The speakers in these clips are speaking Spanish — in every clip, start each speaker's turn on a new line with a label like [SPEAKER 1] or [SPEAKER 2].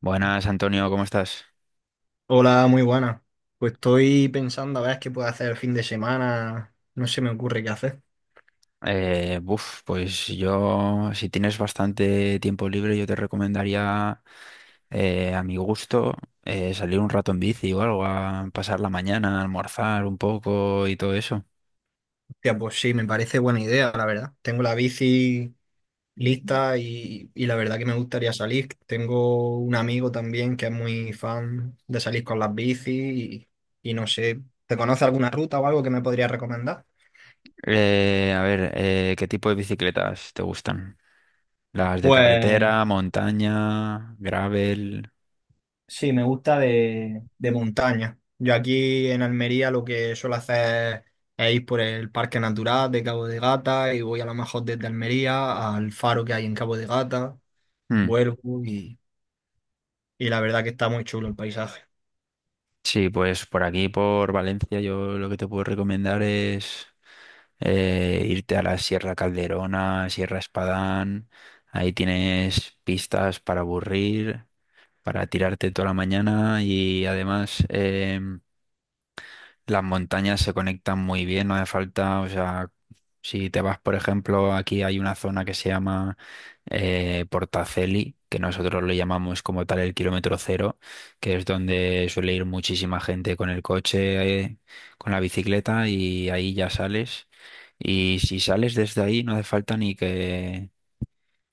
[SPEAKER 1] Buenas, Antonio, ¿cómo estás?
[SPEAKER 2] Hola, muy buena. Pues estoy pensando a ver qué puedo hacer el fin de semana. No se me ocurre qué hacer.
[SPEAKER 1] Buf, pues yo, si tienes bastante tiempo libre, yo te recomendaría, a mi gusto, salir un rato en bici o algo, a pasar la mañana, a almorzar un poco y todo eso.
[SPEAKER 2] Hostia, pues sí, me parece buena idea, la verdad. Tengo la bici lista y la verdad que me gustaría salir. Tengo un amigo también que es muy fan de salir con las bicis y no sé, ¿te conoce alguna ruta o algo que me podría recomendar?
[SPEAKER 1] A ver, ¿qué tipo de bicicletas te gustan? ¿Las de
[SPEAKER 2] Pues
[SPEAKER 1] carretera, montaña, gravel?
[SPEAKER 2] sí, me gusta de montaña. Yo aquí en Almería lo que suelo hacer es ir por el Parque Natural de Cabo de Gata y voy a lo mejor desde Almería al faro que hay en Cabo de Gata,
[SPEAKER 1] Hmm.
[SPEAKER 2] vuelvo y la verdad que está muy chulo el paisaje.
[SPEAKER 1] Sí, pues por aquí, por Valencia, yo lo que te puedo recomendar es irte a la Sierra Calderona, Sierra Espadán. Ahí tienes pistas para aburrir, para tirarte toda la mañana y además las montañas se conectan muy bien, no hace falta, o sea, si te vas, por ejemplo, aquí hay una zona que se llama Portaceli, que nosotros le llamamos como tal el kilómetro cero, que es donde suele ir muchísima gente con el coche, con la bicicleta, y ahí ya sales. Y si sales desde ahí no hace falta ni que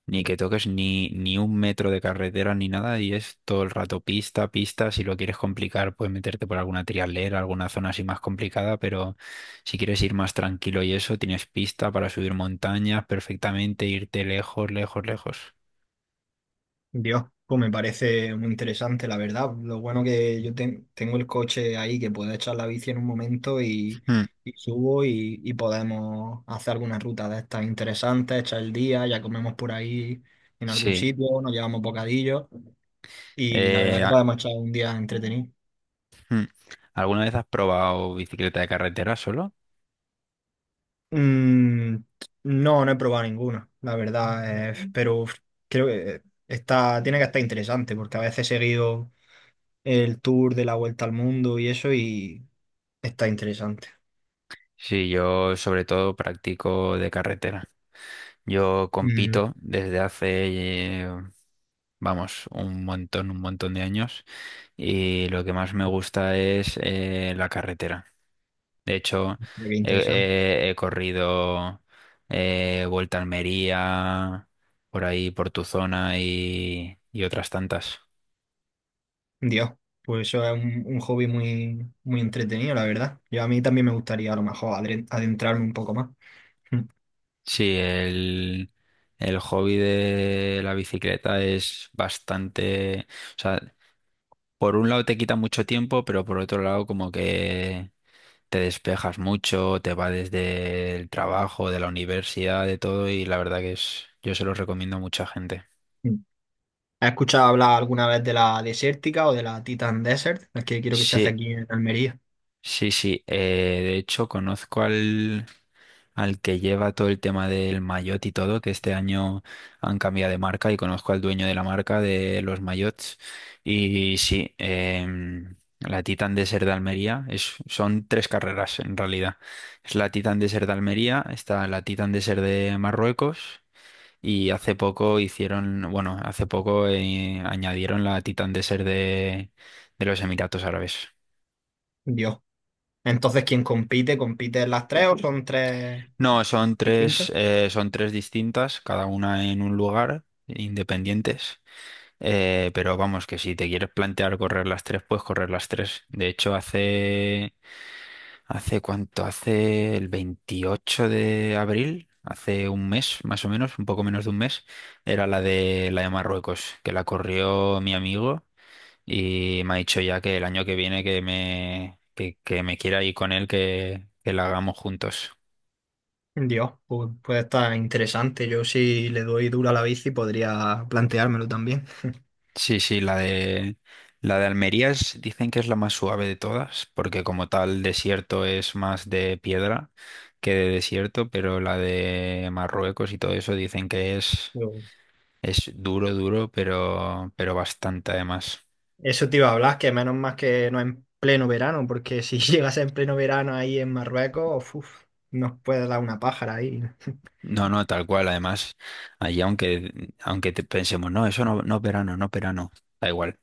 [SPEAKER 1] ni que toques ni un metro de carretera ni nada, y es todo el rato pista, pista. Si lo quieres complicar, puedes meterte por alguna trialera, alguna zona así más complicada, pero si quieres ir más tranquilo y eso, tienes pista para subir montañas perfectamente, irte lejos, lejos, lejos.
[SPEAKER 2] Dios, pues me parece muy interesante, la verdad. Lo bueno que tengo el coche ahí que puedo echar la bici en un momento y,
[SPEAKER 1] Mm,
[SPEAKER 2] y subo y podemos hacer alguna ruta de estas interesantes, echar el día, ya comemos por ahí en algún
[SPEAKER 1] sí.
[SPEAKER 2] sitio, nos llevamos bocadillos y la verdad
[SPEAKER 1] Eh,
[SPEAKER 2] que
[SPEAKER 1] a-
[SPEAKER 2] podemos echar un día entretenido.
[SPEAKER 1] mm. ¿Alguna vez has probado bicicleta de carretera solo?
[SPEAKER 2] Mm, no, no he probado ninguna, la verdad, pero creo que está, tiene que estar interesante porque a veces he seguido el tour de la vuelta al mundo y eso y está interesante.
[SPEAKER 1] Sí, yo sobre todo practico de carretera. Yo
[SPEAKER 2] Mm,
[SPEAKER 1] compito desde hace, vamos, un montón de años, y lo que más me gusta es la carretera. De hecho,
[SPEAKER 2] mira qué
[SPEAKER 1] he,
[SPEAKER 2] interesante.
[SPEAKER 1] he corrido Vuelta a Almería, por ahí, por tu zona, y otras tantas.
[SPEAKER 2] Dios, pues eso es un hobby muy, muy entretenido, la verdad. Yo a mí también me gustaría a lo mejor adentrarme un poco más. Mm.
[SPEAKER 1] Sí, el hobby de la bicicleta es bastante... O sea, por un lado te quita mucho tiempo, pero por otro lado como que te despejas mucho, te va desde el trabajo, de la universidad, de todo, y la verdad que es, yo se los recomiendo a mucha gente.
[SPEAKER 2] ¿Has escuchado hablar alguna vez de la desértica o de la Titan Desert? Es que quiero que se hace
[SPEAKER 1] Sí,
[SPEAKER 2] aquí en Almería.
[SPEAKER 1] sí, sí. De hecho, conozco al que lleva todo el tema del maillot y todo, que este año han cambiado de marca, y conozco al dueño de la marca de los maillots. Y sí, la Titan Desert de Almería es, son tres carreras en realidad. Es la Titan Desert de Almería, está la Titan Desert de Marruecos, y hace poco hicieron, bueno, hace poco añadieron la Titan Desert de los Emiratos Árabes.
[SPEAKER 2] Dios. Entonces, ¿quién compite? ¿Compite en las tres o son tres
[SPEAKER 1] No,
[SPEAKER 2] distintas?
[SPEAKER 1] son tres distintas, cada una en un lugar, independientes. Pero vamos, que si te quieres plantear correr las tres, puedes correr las tres. De hecho, hace cuánto, hace el 28 de abril, hace un mes más o menos, un poco menos de un mes, era la de, la de Marruecos, que la corrió mi amigo. Y me ha dicho ya que el año que viene que me quiera ir con él, que la hagamos juntos.
[SPEAKER 2] Dios, pues puede estar interesante. Yo si le doy duro a la bici podría planteármelo también.
[SPEAKER 1] Sí, sí, la de Almería es- dicen que es la más suave de todas, porque como tal desierto es más de piedra que de desierto, pero la de Marruecos y todo eso dicen que es duro, duro, pero bastante además.
[SPEAKER 2] Eso te iba a hablar, que menos más que no en pleno verano, porque si llegas en pleno verano ahí en Marruecos, uf, nos puede dar una pájara ahí.
[SPEAKER 1] No, no, tal cual. Además, allí aunque te pensemos, no, eso no es verano, no es verano, da igual.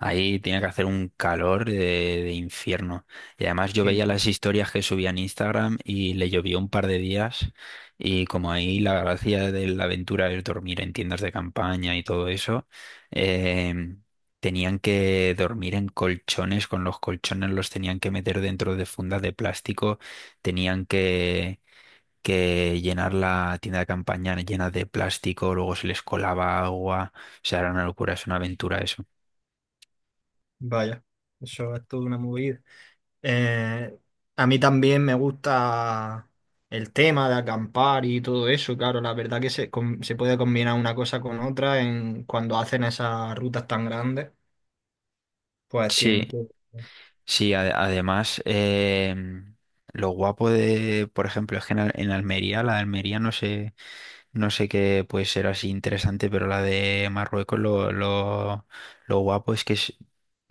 [SPEAKER 1] Ahí tiene que hacer un calor de infierno. Y además yo
[SPEAKER 2] Sí,
[SPEAKER 1] veía
[SPEAKER 2] sí.
[SPEAKER 1] las historias que subía en Instagram y le llovió un par de días. Y como ahí la gracia de la aventura es dormir en tiendas de campaña y todo eso, eh, tenían que dormir en colchones, con los colchones los tenían que meter dentro de fundas de plástico, tenían que llenar la tienda de campaña llena de plástico, luego se les colaba agua, o sea, era una locura, es una aventura eso.
[SPEAKER 2] Vaya, eso es toda una movida. Eh, a mí también me gusta el tema de acampar y todo eso, claro, la verdad que se, se puede combinar una cosa con otra en cuando hacen esas rutas tan grandes, pues
[SPEAKER 1] Sí,
[SPEAKER 2] tienen que...
[SPEAKER 1] sí, además, lo guapo de, por ejemplo, es que en Almería, la de Almería no sé, no sé qué puede ser así interesante, pero la de Marruecos lo guapo es que es-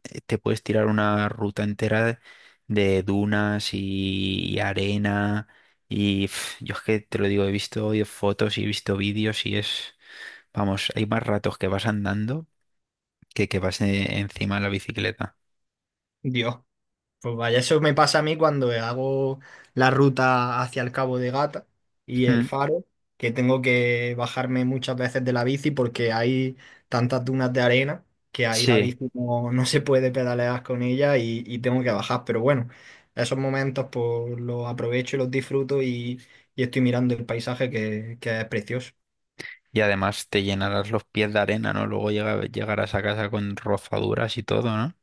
[SPEAKER 1] eh, te puedes tirar una ruta entera de dunas y arena, y pf, yo es que te lo digo, he visto fotos y he visto vídeos y es, vamos, hay más ratos que vas andando que vas encima de la bicicleta.
[SPEAKER 2] Dios. Pues vaya, eso me pasa a mí cuando hago la ruta hacia el Cabo de Gata y el
[SPEAKER 1] Mm,
[SPEAKER 2] Faro, que tengo que bajarme muchas veces de la bici porque hay tantas dunas de arena que ahí la
[SPEAKER 1] sí,
[SPEAKER 2] bici no, no se puede pedalear con ella y tengo que bajar. Pero bueno, esos momentos pues los aprovecho y los disfruto y estoy mirando el paisaje que es precioso.
[SPEAKER 1] y además te llenarás los pies de arena, ¿no? Luego llegarás a casa con rozaduras y todo, ¿no?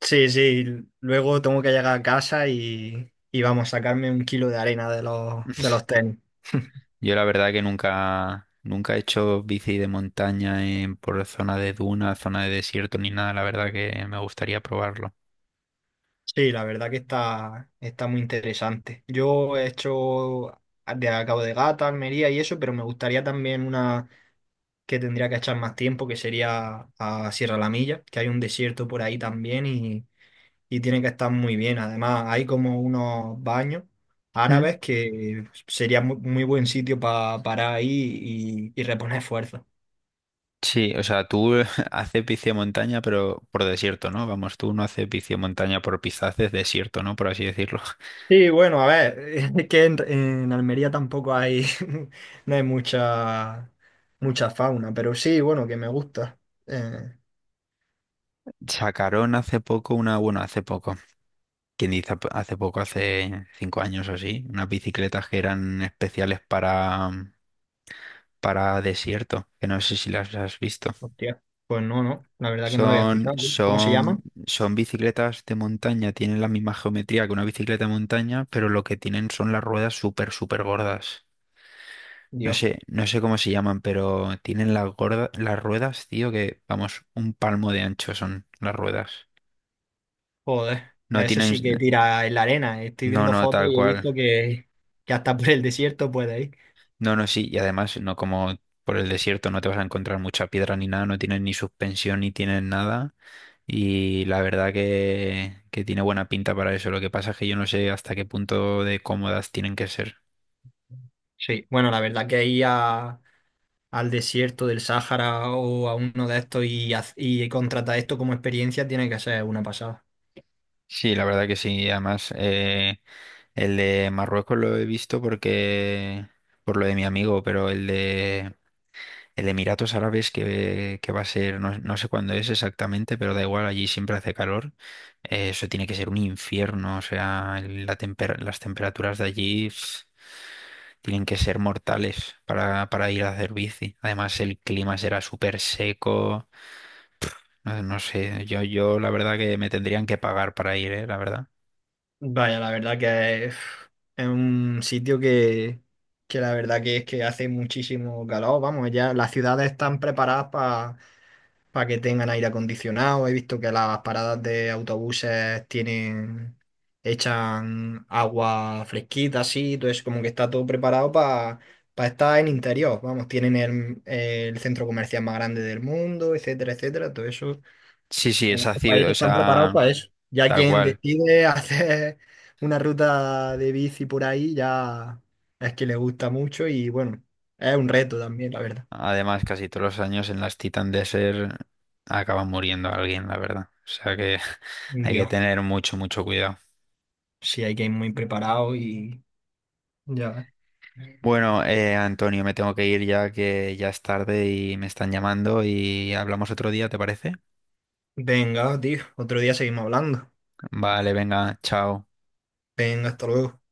[SPEAKER 2] Sí, sí, luego tengo que llegar a casa y vamos a sacarme un kilo de arena de los tenis.
[SPEAKER 1] Yo la verdad que nunca, nunca he hecho bici de montaña en, por zona de duna, zona de desierto ni nada. La verdad que me gustaría probarlo.
[SPEAKER 2] Sí, la verdad que está, está muy interesante. Yo he hecho ah, de a Cabo de Gata, Almería y eso, pero me gustaría también una que tendría que echar más tiempo, que sería a Sierra La Milla, que hay un desierto por ahí también y tiene que estar muy bien. Además, hay como unos baños
[SPEAKER 1] Mm.
[SPEAKER 2] árabes que sería muy, muy buen sitio para parar ahí y reponer fuerzas.
[SPEAKER 1] Sí, o sea, tú haces bici de montaña, pero por desierto, ¿no? Vamos, tú no haces bici de montaña por pista, haces desierto, ¿no? Por así decirlo.
[SPEAKER 2] Sí, bueno, a ver, es que en Almería tampoco hay, no hay mucha fauna, pero sí, bueno, que me gusta. Eh,
[SPEAKER 1] Sacaron hace poco una, bueno, hace poco, quien dice hace poco, hace 5 años o así, unas bicicletas que eran especiales para desierto, que no sé si las has visto.
[SPEAKER 2] Hostia, pues no, no, la verdad que no lo había
[SPEAKER 1] Son,
[SPEAKER 2] escuchado. ¿Cómo se
[SPEAKER 1] son,
[SPEAKER 2] llama?
[SPEAKER 1] son bicicletas de montaña, tienen la misma geometría que una bicicleta de montaña, pero lo que tienen son las ruedas súper, súper gordas. No
[SPEAKER 2] Dios,
[SPEAKER 1] sé, no sé cómo se llaman, pero tienen las las ruedas, tío, que vamos, un palmo de ancho son las ruedas.
[SPEAKER 2] joder,
[SPEAKER 1] No
[SPEAKER 2] a eso
[SPEAKER 1] tienen,
[SPEAKER 2] sí que tira en la arena. Estoy
[SPEAKER 1] no,
[SPEAKER 2] viendo
[SPEAKER 1] no,
[SPEAKER 2] fotos
[SPEAKER 1] tal
[SPEAKER 2] y he
[SPEAKER 1] cual.
[SPEAKER 2] visto que hasta por el desierto puede ir.
[SPEAKER 1] No, no, sí, y además, no como por el desierto no te vas a encontrar mucha piedra ni nada, no tienen ni suspensión ni tienen nada. Y la verdad que tiene buena pinta para eso. Lo que pasa es que yo no sé hasta qué punto de cómodas tienen que ser.
[SPEAKER 2] Sí, bueno, la verdad que al desierto del Sáhara o a uno de estos y contratar esto como experiencia tiene que ser una pasada.
[SPEAKER 1] Sí, la verdad que sí. Además, el de Marruecos lo he visto porque por lo de mi amigo, pero el de Emiratos Árabes que va a ser, no, no sé cuándo es exactamente, pero da igual, allí siempre hace calor. Eso tiene que ser un infierno. O sea, la las temperaturas de allí tienen que ser mortales para, ir a hacer bici. Además, el clima será súper seco. No, no sé, yo la verdad que me tendrían que pagar para ir, ¿eh? La verdad.
[SPEAKER 2] Vaya, la verdad que uf, es un sitio que la verdad que es que hace muchísimo calor. Vamos, ya las ciudades están preparadas para que tengan aire acondicionado. He visto que las paradas de autobuses tienen, echan agua fresquita, así, entonces como que está todo preparado para estar en interior. Vamos, tienen el centro comercial más grande del mundo, etcétera, etcétera. Todo eso
[SPEAKER 1] Sí, sí,
[SPEAKER 2] en
[SPEAKER 1] es
[SPEAKER 2] otros
[SPEAKER 1] ácido,
[SPEAKER 2] países
[SPEAKER 1] o
[SPEAKER 2] están preparados
[SPEAKER 1] sea,
[SPEAKER 2] para eso. Ya
[SPEAKER 1] tal
[SPEAKER 2] quien
[SPEAKER 1] cual.
[SPEAKER 2] decide hacer una ruta de bici por ahí, ya es que le gusta mucho y bueno, es un reto también, la verdad.
[SPEAKER 1] Además, casi todos los años en las Titan Desert acaba muriendo alguien, la verdad. O sea que hay que
[SPEAKER 2] Dios,
[SPEAKER 1] tener mucho, mucho cuidado.
[SPEAKER 2] sí hay que ir muy preparado y ya ves.
[SPEAKER 1] Bueno, Antonio, me tengo que ir ya que ya es tarde y me están llamando, y hablamos otro día, ¿te parece?
[SPEAKER 2] Venga, tío, otro día seguimos hablando.
[SPEAKER 1] Vale, venga, chao.
[SPEAKER 2] Venga, hasta luego.